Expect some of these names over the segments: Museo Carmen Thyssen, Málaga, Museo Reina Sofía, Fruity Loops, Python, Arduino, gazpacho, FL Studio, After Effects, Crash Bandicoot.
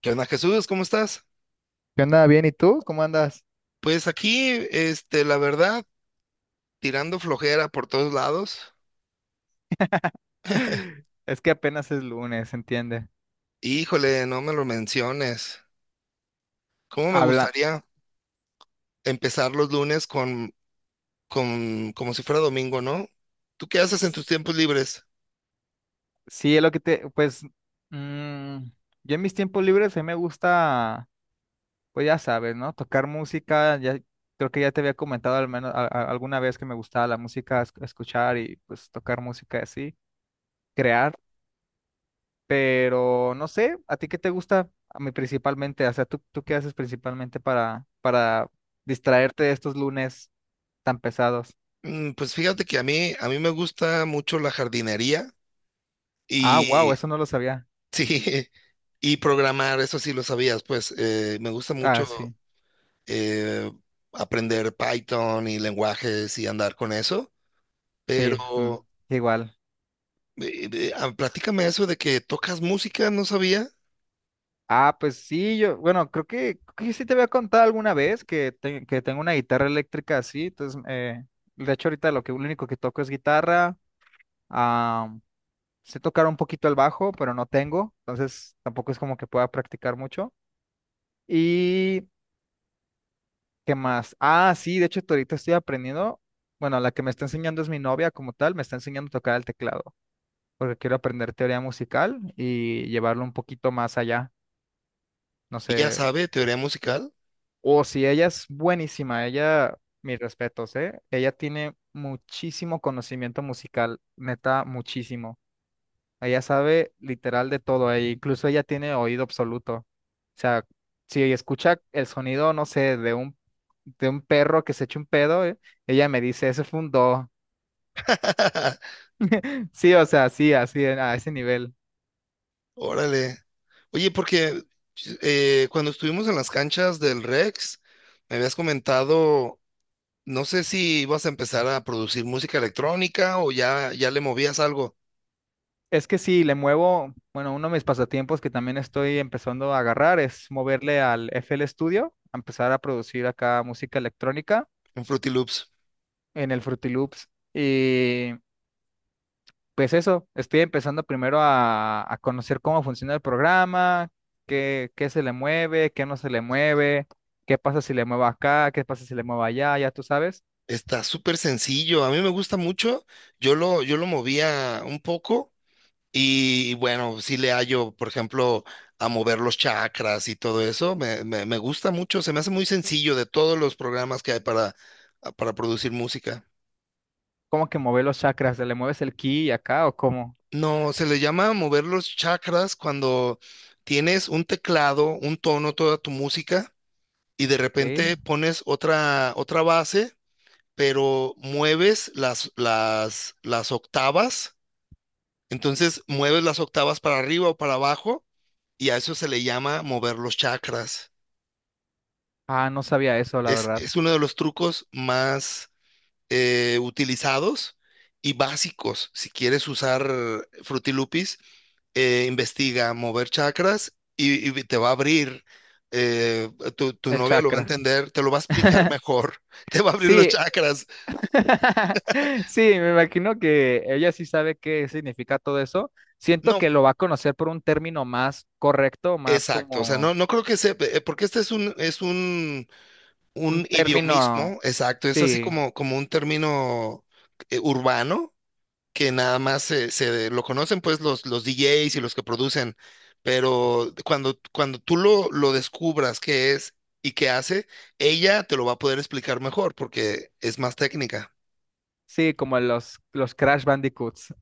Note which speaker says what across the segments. Speaker 1: ¿Qué onda, Jesús? ¿Cómo estás?
Speaker 2: ¿Qué onda? Bien, ¿y tú? ¿Cómo andas?
Speaker 1: Pues aquí, este, la verdad, tirando flojera por todos lados.
Speaker 2: Es que apenas es lunes, ¿entiende?
Speaker 1: Híjole, no me lo menciones. ¿Cómo me
Speaker 2: Habla.
Speaker 1: gustaría empezar los lunes con, como si fuera domingo, ¿no? ¿Tú qué haces en tus tiempos libres?
Speaker 2: Sí, es lo que te, pues, mm, yo en mis tiempos libres a mí me gusta, pues ya sabes, ¿no? Tocar música, ya creo que ya te había comentado al menos alguna vez que me gustaba la música, escuchar y pues tocar música así, crear, pero no sé, ¿a ti qué te gusta? A mí principalmente, o sea, ¿tú qué haces principalmente para distraerte de estos lunes tan pesados?
Speaker 1: Pues fíjate que a mí me gusta mucho la jardinería
Speaker 2: Ah, wow,
Speaker 1: y,
Speaker 2: eso no lo sabía.
Speaker 1: sí, y programar, eso sí lo sabías, pues me gusta
Speaker 2: Ah,
Speaker 1: mucho
Speaker 2: sí,
Speaker 1: eh, aprender Python y lenguajes y andar con eso,
Speaker 2: sí,
Speaker 1: pero
Speaker 2: igual.
Speaker 1: Platícame eso de que tocas música, no sabía.
Speaker 2: Ah, pues sí, yo, bueno, creo que sí te había contado alguna vez que, que tengo una guitarra eléctrica así, entonces, de hecho ahorita lo que, lo único que toco es guitarra, ah, sé tocar un poquito el bajo, pero no tengo, entonces tampoco es como que pueda practicar mucho. ¿Y qué más? Ah, sí, de hecho ahorita estoy aprendiendo, bueno, la que me está enseñando es mi novia como tal, me está enseñando a tocar el teclado, porque quiero aprender teoría musical y llevarlo un poquito más allá. No sé,
Speaker 1: Ella sabe teoría musical.
Speaker 2: o si ella es buenísima, ella, mis respetos, ¿eh? Ella tiene muchísimo conocimiento musical, neta, muchísimo. Ella sabe literal de todo, e incluso ella tiene oído absoluto. O sea, si escucha el sonido, no sé, de un, perro que se eche un pedo, ella me dice, ese fue un do. Sí, o sea, sí, así, a ese nivel.
Speaker 1: Órale. Oye, porque cuando estuvimos en las canchas del Rex, me habías comentado, no sé si ibas a empezar a producir música electrónica o ya, ya le movías algo
Speaker 2: Es que sí, le muevo, bueno, uno de mis pasatiempos que también estoy empezando a agarrar es moverle al FL Studio, a empezar a producir acá música electrónica
Speaker 1: en Fruity Loops.
Speaker 2: en el Fruity Loops. Y pues eso, estoy empezando primero a, conocer cómo funciona el programa, qué se le mueve, qué no se le mueve, qué pasa si le muevo acá, qué pasa si le muevo allá, ya tú sabes,
Speaker 1: Está súper sencillo, a mí me gusta mucho. Yo lo movía un poco. Y bueno, sí le hallo, por ejemplo, a mover los chakras y todo eso. Me gusta mucho, se me hace muy sencillo de todos los programas que hay para producir música.
Speaker 2: cómo que mover los chakras, ¿le mueves el ki acá o cómo?
Speaker 1: No, se le llama mover los chakras cuando tienes un teclado, un tono, toda tu música, y de
Speaker 2: ¿Qué?
Speaker 1: repente pones otra, otra base, pero mueves las octavas. Entonces mueves las octavas para arriba o para abajo, y a eso se le llama mover los chakras.
Speaker 2: Ah, no sabía eso, la
Speaker 1: Es,
Speaker 2: verdad,
Speaker 1: es uno de los trucos más utilizados y básicos. Si quieres usar Fruity Loops, investiga mover chakras y te va a abrir. Eh, tu
Speaker 2: el
Speaker 1: novia lo va a
Speaker 2: chakra.
Speaker 1: entender, te lo va a explicar mejor. Te va a abrir los
Speaker 2: Sí,
Speaker 1: chakras.
Speaker 2: sí, me imagino que ella sí sabe qué significa todo eso. Siento
Speaker 1: No,
Speaker 2: que lo va a conocer por un término más correcto, más
Speaker 1: exacto, o sea,
Speaker 2: como
Speaker 1: no, no creo que sea, porque
Speaker 2: un
Speaker 1: un idiomismo,
Speaker 2: término,
Speaker 1: exacto, es así
Speaker 2: sí,
Speaker 1: como, como un término urbano, que nada más se, se lo conocen pues los DJs y los que producen, pero cuando tú lo descubras qué es y qué hace, ella te lo va a poder explicar mejor porque es más técnica.
Speaker 2: sí, como los, Crash Bandicoots.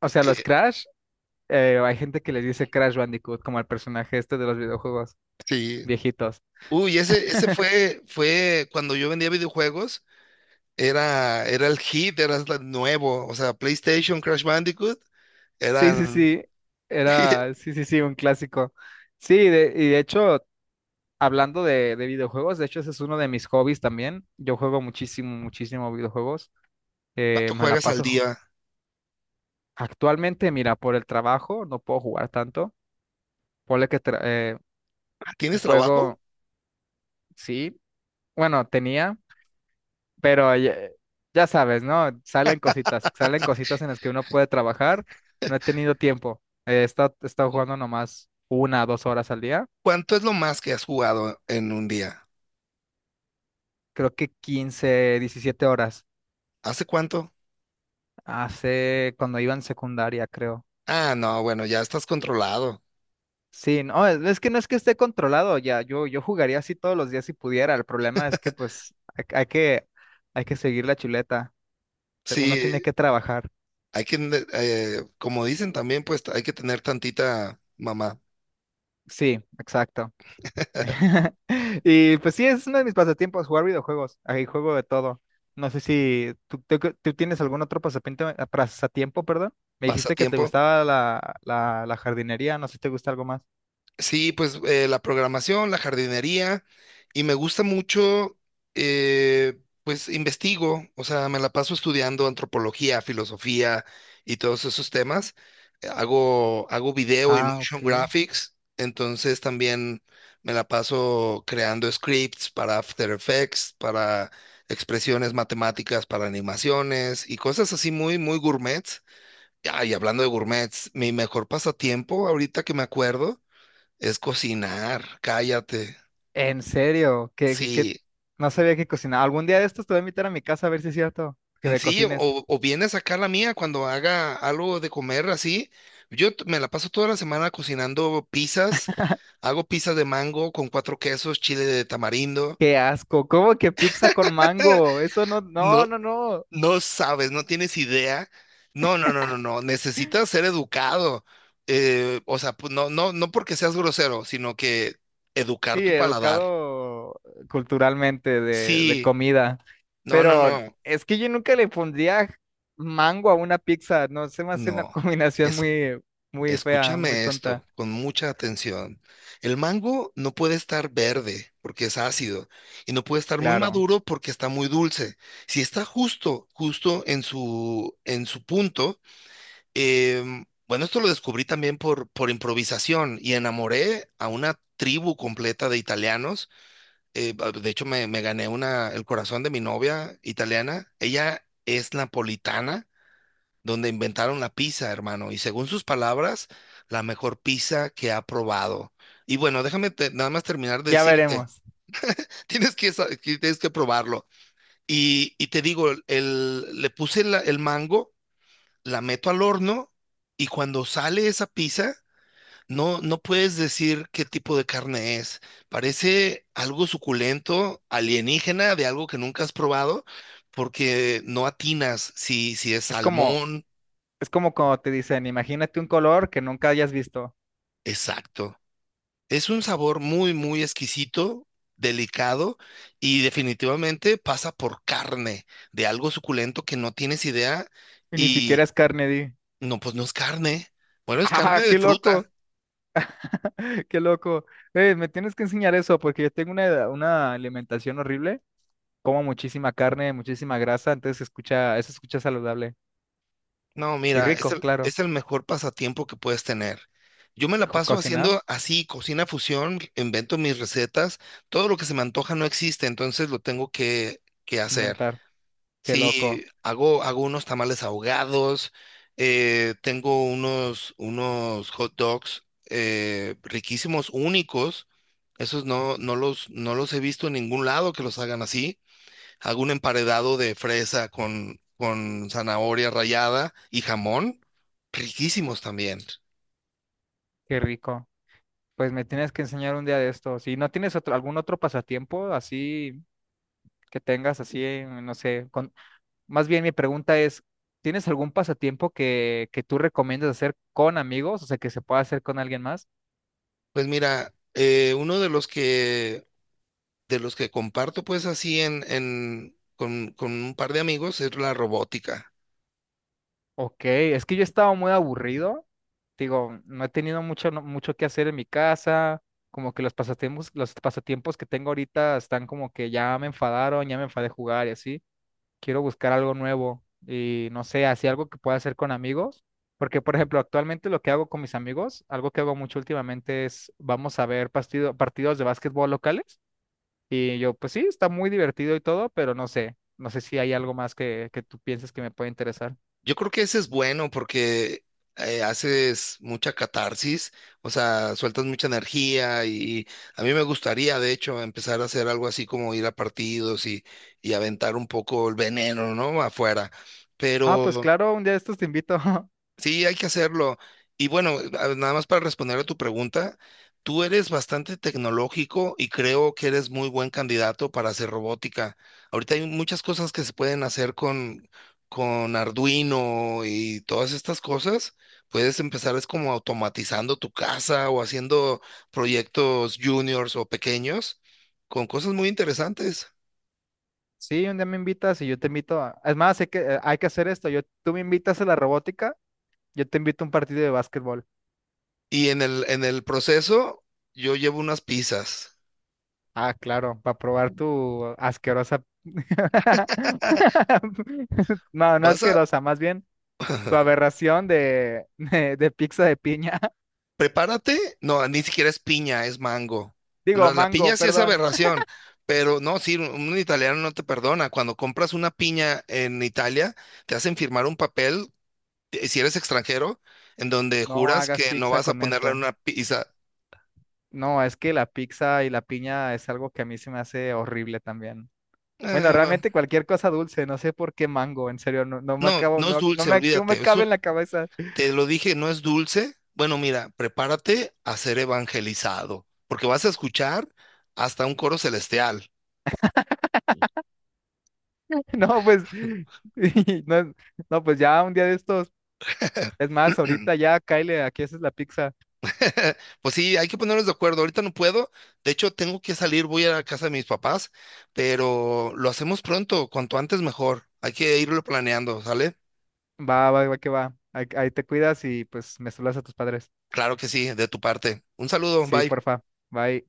Speaker 2: O sea, los
Speaker 1: Eh,
Speaker 2: Crash, hay gente que les dice Crash Bandicoot, como el personaje este de los videojuegos
Speaker 1: sí.
Speaker 2: viejitos.
Speaker 1: Uy, ese fue, fue cuando yo vendía videojuegos, era el hit, era el nuevo, o sea, PlayStation, Crash Bandicoot,
Speaker 2: Sí, sí,
Speaker 1: eran...
Speaker 2: sí, era, sí, sí, sí, un clásico. Sí, y de hecho, hablando de videojuegos, de hecho ese es uno de mis hobbies también. Yo juego muchísimo, muchísimo videojuegos.
Speaker 1: ¿Cuánto
Speaker 2: Me la
Speaker 1: juegas al
Speaker 2: paso ju-
Speaker 1: día?
Speaker 2: Actualmente, mira, por el trabajo no puedo jugar tanto. Ponle que
Speaker 1: ¿Tienes trabajo?
Speaker 2: juego, sí, bueno, tenía, pero ya, ya sabes, ¿no? Salen cositas en las que uno puede trabajar. No he tenido tiempo. He estado, jugando nomás una, 2 horas al día.
Speaker 1: ¿Cuánto es lo más que has jugado en un día?
Speaker 2: Creo que 15, 17 horas.
Speaker 1: ¿Hace cuánto?
Speaker 2: Hace cuando iba en secundaria, creo.
Speaker 1: Ah, no, bueno, ya estás controlado.
Speaker 2: Sí, no, es que no es que esté controlado ya, yo jugaría así todos los días si pudiera. El problema es que pues hay, hay que seguir la chuleta, uno tiene
Speaker 1: Sí,
Speaker 2: que trabajar,
Speaker 1: hay que, como dicen también, pues hay que tener tantita mamá.
Speaker 2: sí, exacto. Y pues sí, es uno de mis pasatiempos, jugar videojuegos, ahí juego de todo. No sé si tú, tú tienes algún otro pasatiempo, pasatiempo, perdón, me dijiste que te
Speaker 1: Pasatiempo.
Speaker 2: gustaba la, la jardinería, no sé si te gusta algo más.
Speaker 1: Sí, pues la programación, la jardinería, y me gusta mucho, eh, pues investigo, o sea, me la paso estudiando antropología, filosofía y todos esos temas. Hago video y
Speaker 2: Ah,
Speaker 1: motion
Speaker 2: ok.
Speaker 1: graphics, entonces también me la paso creando scripts para After Effects, para expresiones matemáticas, para animaciones y cosas así muy, muy gourmets. Ah, y hablando de gourmets, mi mejor pasatiempo ahorita que me acuerdo. Es cocinar, cállate.
Speaker 2: En serio, que, que
Speaker 1: Sí,
Speaker 2: no sabía que cocinaba. Algún día de estos te voy a invitar a mi casa a ver si es cierto que
Speaker 1: mm,
Speaker 2: me
Speaker 1: sí,
Speaker 2: cocines.
Speaker 1: o vienes acá a la mía cuando haga algo de comer así. Yo t- me la paso toda la semana cocinando pizzas. Hago pizzas de mango con cuatro quesos, chile de tamarindo.
Speaker 2: Qué asco, ¿cómo que pizza con mango? Eso no, no,
Speaker 1: No,
Speaker 2: no, no.
Speaker 1: no sabes, no tienes idea. No, no, no, no, no. Necesitas ser educado. O sea, pues, no, no, no porque seas grosero, sino que educar
Speaker 2: Sí,
Speaker 1: tu paladar.
Speaker 2: educado culturalmente de,
Speaker 1: Sí,
Speaker 2: comida,
Speaker 1: no, no,
Speaker 2: pero
Speaker 1: no,
Speaker 2: es que yo nunca le pondría mango a una pizza. No, se me hace una
Speaker 1: no.
Speaker 2: combinación
Speaker 1: Es
Speaker 2: muy, muy fea, muy
Speaker 1: Escúchame
Speaker 2: tonta.
Speaker 1: esto con mucha atención. El mango no puede estar verde porque es ácido y no puede estar muy
Speaker 2: Claro,
Speaker 1: maduro porque está muy dulce. Si está justo, justo en su punto, bueno, esto lo descubrí también por improvisación y enamoré a una tribu completa de italianos. De hecho, me gané una, el corazón de mi novia italiana. Ella es napolitana donde inventaron la pizza, hermano, y según sus palabras, la mejor pizza que ha probado. Y bueno, nada más terminar de
Speaker 2: ya
Speaker 1: decirte,
Speaker 2: veremos.
Speaker 1: tienes que, que tienes que probarlo. Y te digo, el mango, la meto al horno y cuando sale esa pizza, no, no puedes decir qué tipo de carne es. Parece algo suculento, alienígena, de algo que nunca has probado, porque no atinas si, si es
Speaker 2: Es como,
Speaker 1: salmón.
Speaker 2: es como cuando te dicen, imagínate un color que nunca hayas visto
Speaker 1: Exacto. Es un sabor muy, muy exquisito, delicado y definitivamente pasa por carne, de algo suculento que no tienes idea
Speaker 2: y ni siquiera
Speaker 1: y
Speaker 2: es carne, di.
Speaker 1: no, pues no es carne. Bueno, es carne
Speaker 2: Ah,
Speaker 1: de
Speaker 2: qué
Speaker 1: fruta.
Speaker 2: loco, qué loco. Me tienes que enseñar eso porque yo tengo una alimentación horrible. Como muchísima carne, muchísima grasa, entonces se escucha, eso se escucha saludable.
Speaker 1: No,
Speaker 2: Y
Speaker 1: mira,
Speaker 2: rico, claro.
Speaker 1: es el mejor pasatiempo que puedes tener. Yo me la paso
Speaker 2: Cocinar,
Speaker 1: haciendo así, cocina fusión, invento mis recetas, todo lo que se me antoja no existe, entonces lo tengo que hacer.
Speaker 2: inventar. Qué
Speaker 1: Sí,
Speaker 2: loco,
Speaker 1: hago unos tamales ahogados, tengo unos, unos hot dogs riquísimos, únicos. Esos no, no los he visto en ningún lado que los hagan así. Hago un emparedado de fresa con zanahoria rallada y jamón. Riquísimos también.
Speaker 2: qué rico. Pues me tienes que enseñar un día de esto. Si no tienes otro, algún otro pasatiempo así que tengas, así, no sé. Más bien mi pregunta es, ¿tienes algún pasatiempo que, tú recomiendas hacer con amigos? O sea, que se pueda hacer con alguien más.
Speaker 1: Pues mira, uno de los que comparto pues así con un par de amigos es la robótica.
Speaker 2: Ok, es que yo estaba muy aburrido. Digo, no he tenido mucho, mucho que hacer en mi casa. Como que los pasatiempos que tengo ahorita están como que ya me enfadaron, ya me enfadé de jugar y así. Quiero buscar algo nuevo y no sé, así algo que pueda hacer con amigos. Porque, por ejemplo, actualmente lo que hago con mis amigos, algo que hago mucho últimamente es vamos a ver partidos de básquetbol locales. Y yo, pues sí, está muy divertido y todo, pero no sé, si hay algo más que tú pienses que me puede interesar.
Speaker 1: Yo creo que ese es bueno porque haces mucha catarsis, o sea, sueltas mucha energía y a mí me gustaría de hecho empezar a hacer algo así como ir a partidos y aventar un poco el veneno, ¿no? Afuera.
Speaker 2: Ah, pues
Speaker 1: Pero
Speaker 2: claro, un día de estos te invito.
Speaker 1: sí, hay que hacerlo. Y bueno, nada más para responder a tu pregunta, tú eres bastante tecnológico y creo que eres muy buen candidato para hacer robótica. Ahorita hay muchas cosas que se pueden hacer con Arduino y todas estas cosas. Puedes empezar es como automatizando tu casa o haciendo proyectos juniors o pequeños con cosas muy interesantes.
Speaker 2: Sí, un día me invitas y yo te invito a... Es más, hay que hacer esto. Tú me invitas a la robótica, yo te invito a un partido de básquetbol.
Speaker 1: Y en el proceso, yo llevo unas pizzas.
Speaker 2: Ah, claro, para probar tu asquerosa... No, no
Speaker 1: ¿Vas a?
Speaker 2: asquerosa, más bien tu aberración de, de pizza de piña.
Speaker 1: Prepárate, no, ni siquiera es piña, es mango.
Speaker 2: Digo,
Speaker 1: Piña
Speaker 2: mango,
Speaker 1: sí es
Speaker 2: perdón.
Speaker 1: aberración, pero no, sí, un italiano no te perdona. Cuando compras una piña en Italia, te hacen firmar un papel, si eres extranjero, en donde
Speaker 2: No
Speaker 1: juras
Speaker 2: hagas
Speaker 1: que no
Speaker 2: pizza
Speaker 1: vas a
Speaker 2: con
Speaker 1: ponerla en
Speaker 2: esto.
Speaker 1: una pizza.
Speaker 2: No, es que la pizza y la piña es algo que a mí se me hace horrible también. Bueno,
Speaker 1: Bueno,
Speaker 2: realmente cualquier cosa dulce, no sé por qué mango, en serio, no, no me
Speaker 1: no,
Speaker 2: acabo,
Speaker 1: no es
Speaker 2: no, no
Speaker 1: dulce,
Speaker 2: me, no me
Speaker 1: olvídate.
Speaker 2: cabe
Speaker 1: Eso,
Speaker 2: en la cabeza.
Speaker 1: te lo dije, no es dulce. Bueno, mira, prepárate a ser evangelizado, porque vas a escuchar hasta un coro celestial.
Speaker 2: No, pues, y no, no, pues ya un día de estos, es más, ahorita ya, Kyle, aquí haces la pizza.
Speaker 1: Pues sí, hay que ponernos de acuerdo. Ahorita no puedo. De hecho, tengo que salir, voy a la casa de mis papás, pero lo hacemos pronto, cuanto antes mejor. Hay que irlo planeando, ¿sale?
Speaker 2: Va, va, va, que va. Ahí te cuidas y pues me saludas a tus padres.
Speaker 1: Claro que sí, de tu parte. Un saludo,
Speaker 2: Sí,
Speaker 1: bye.
Speaker 2: porfa. Bye.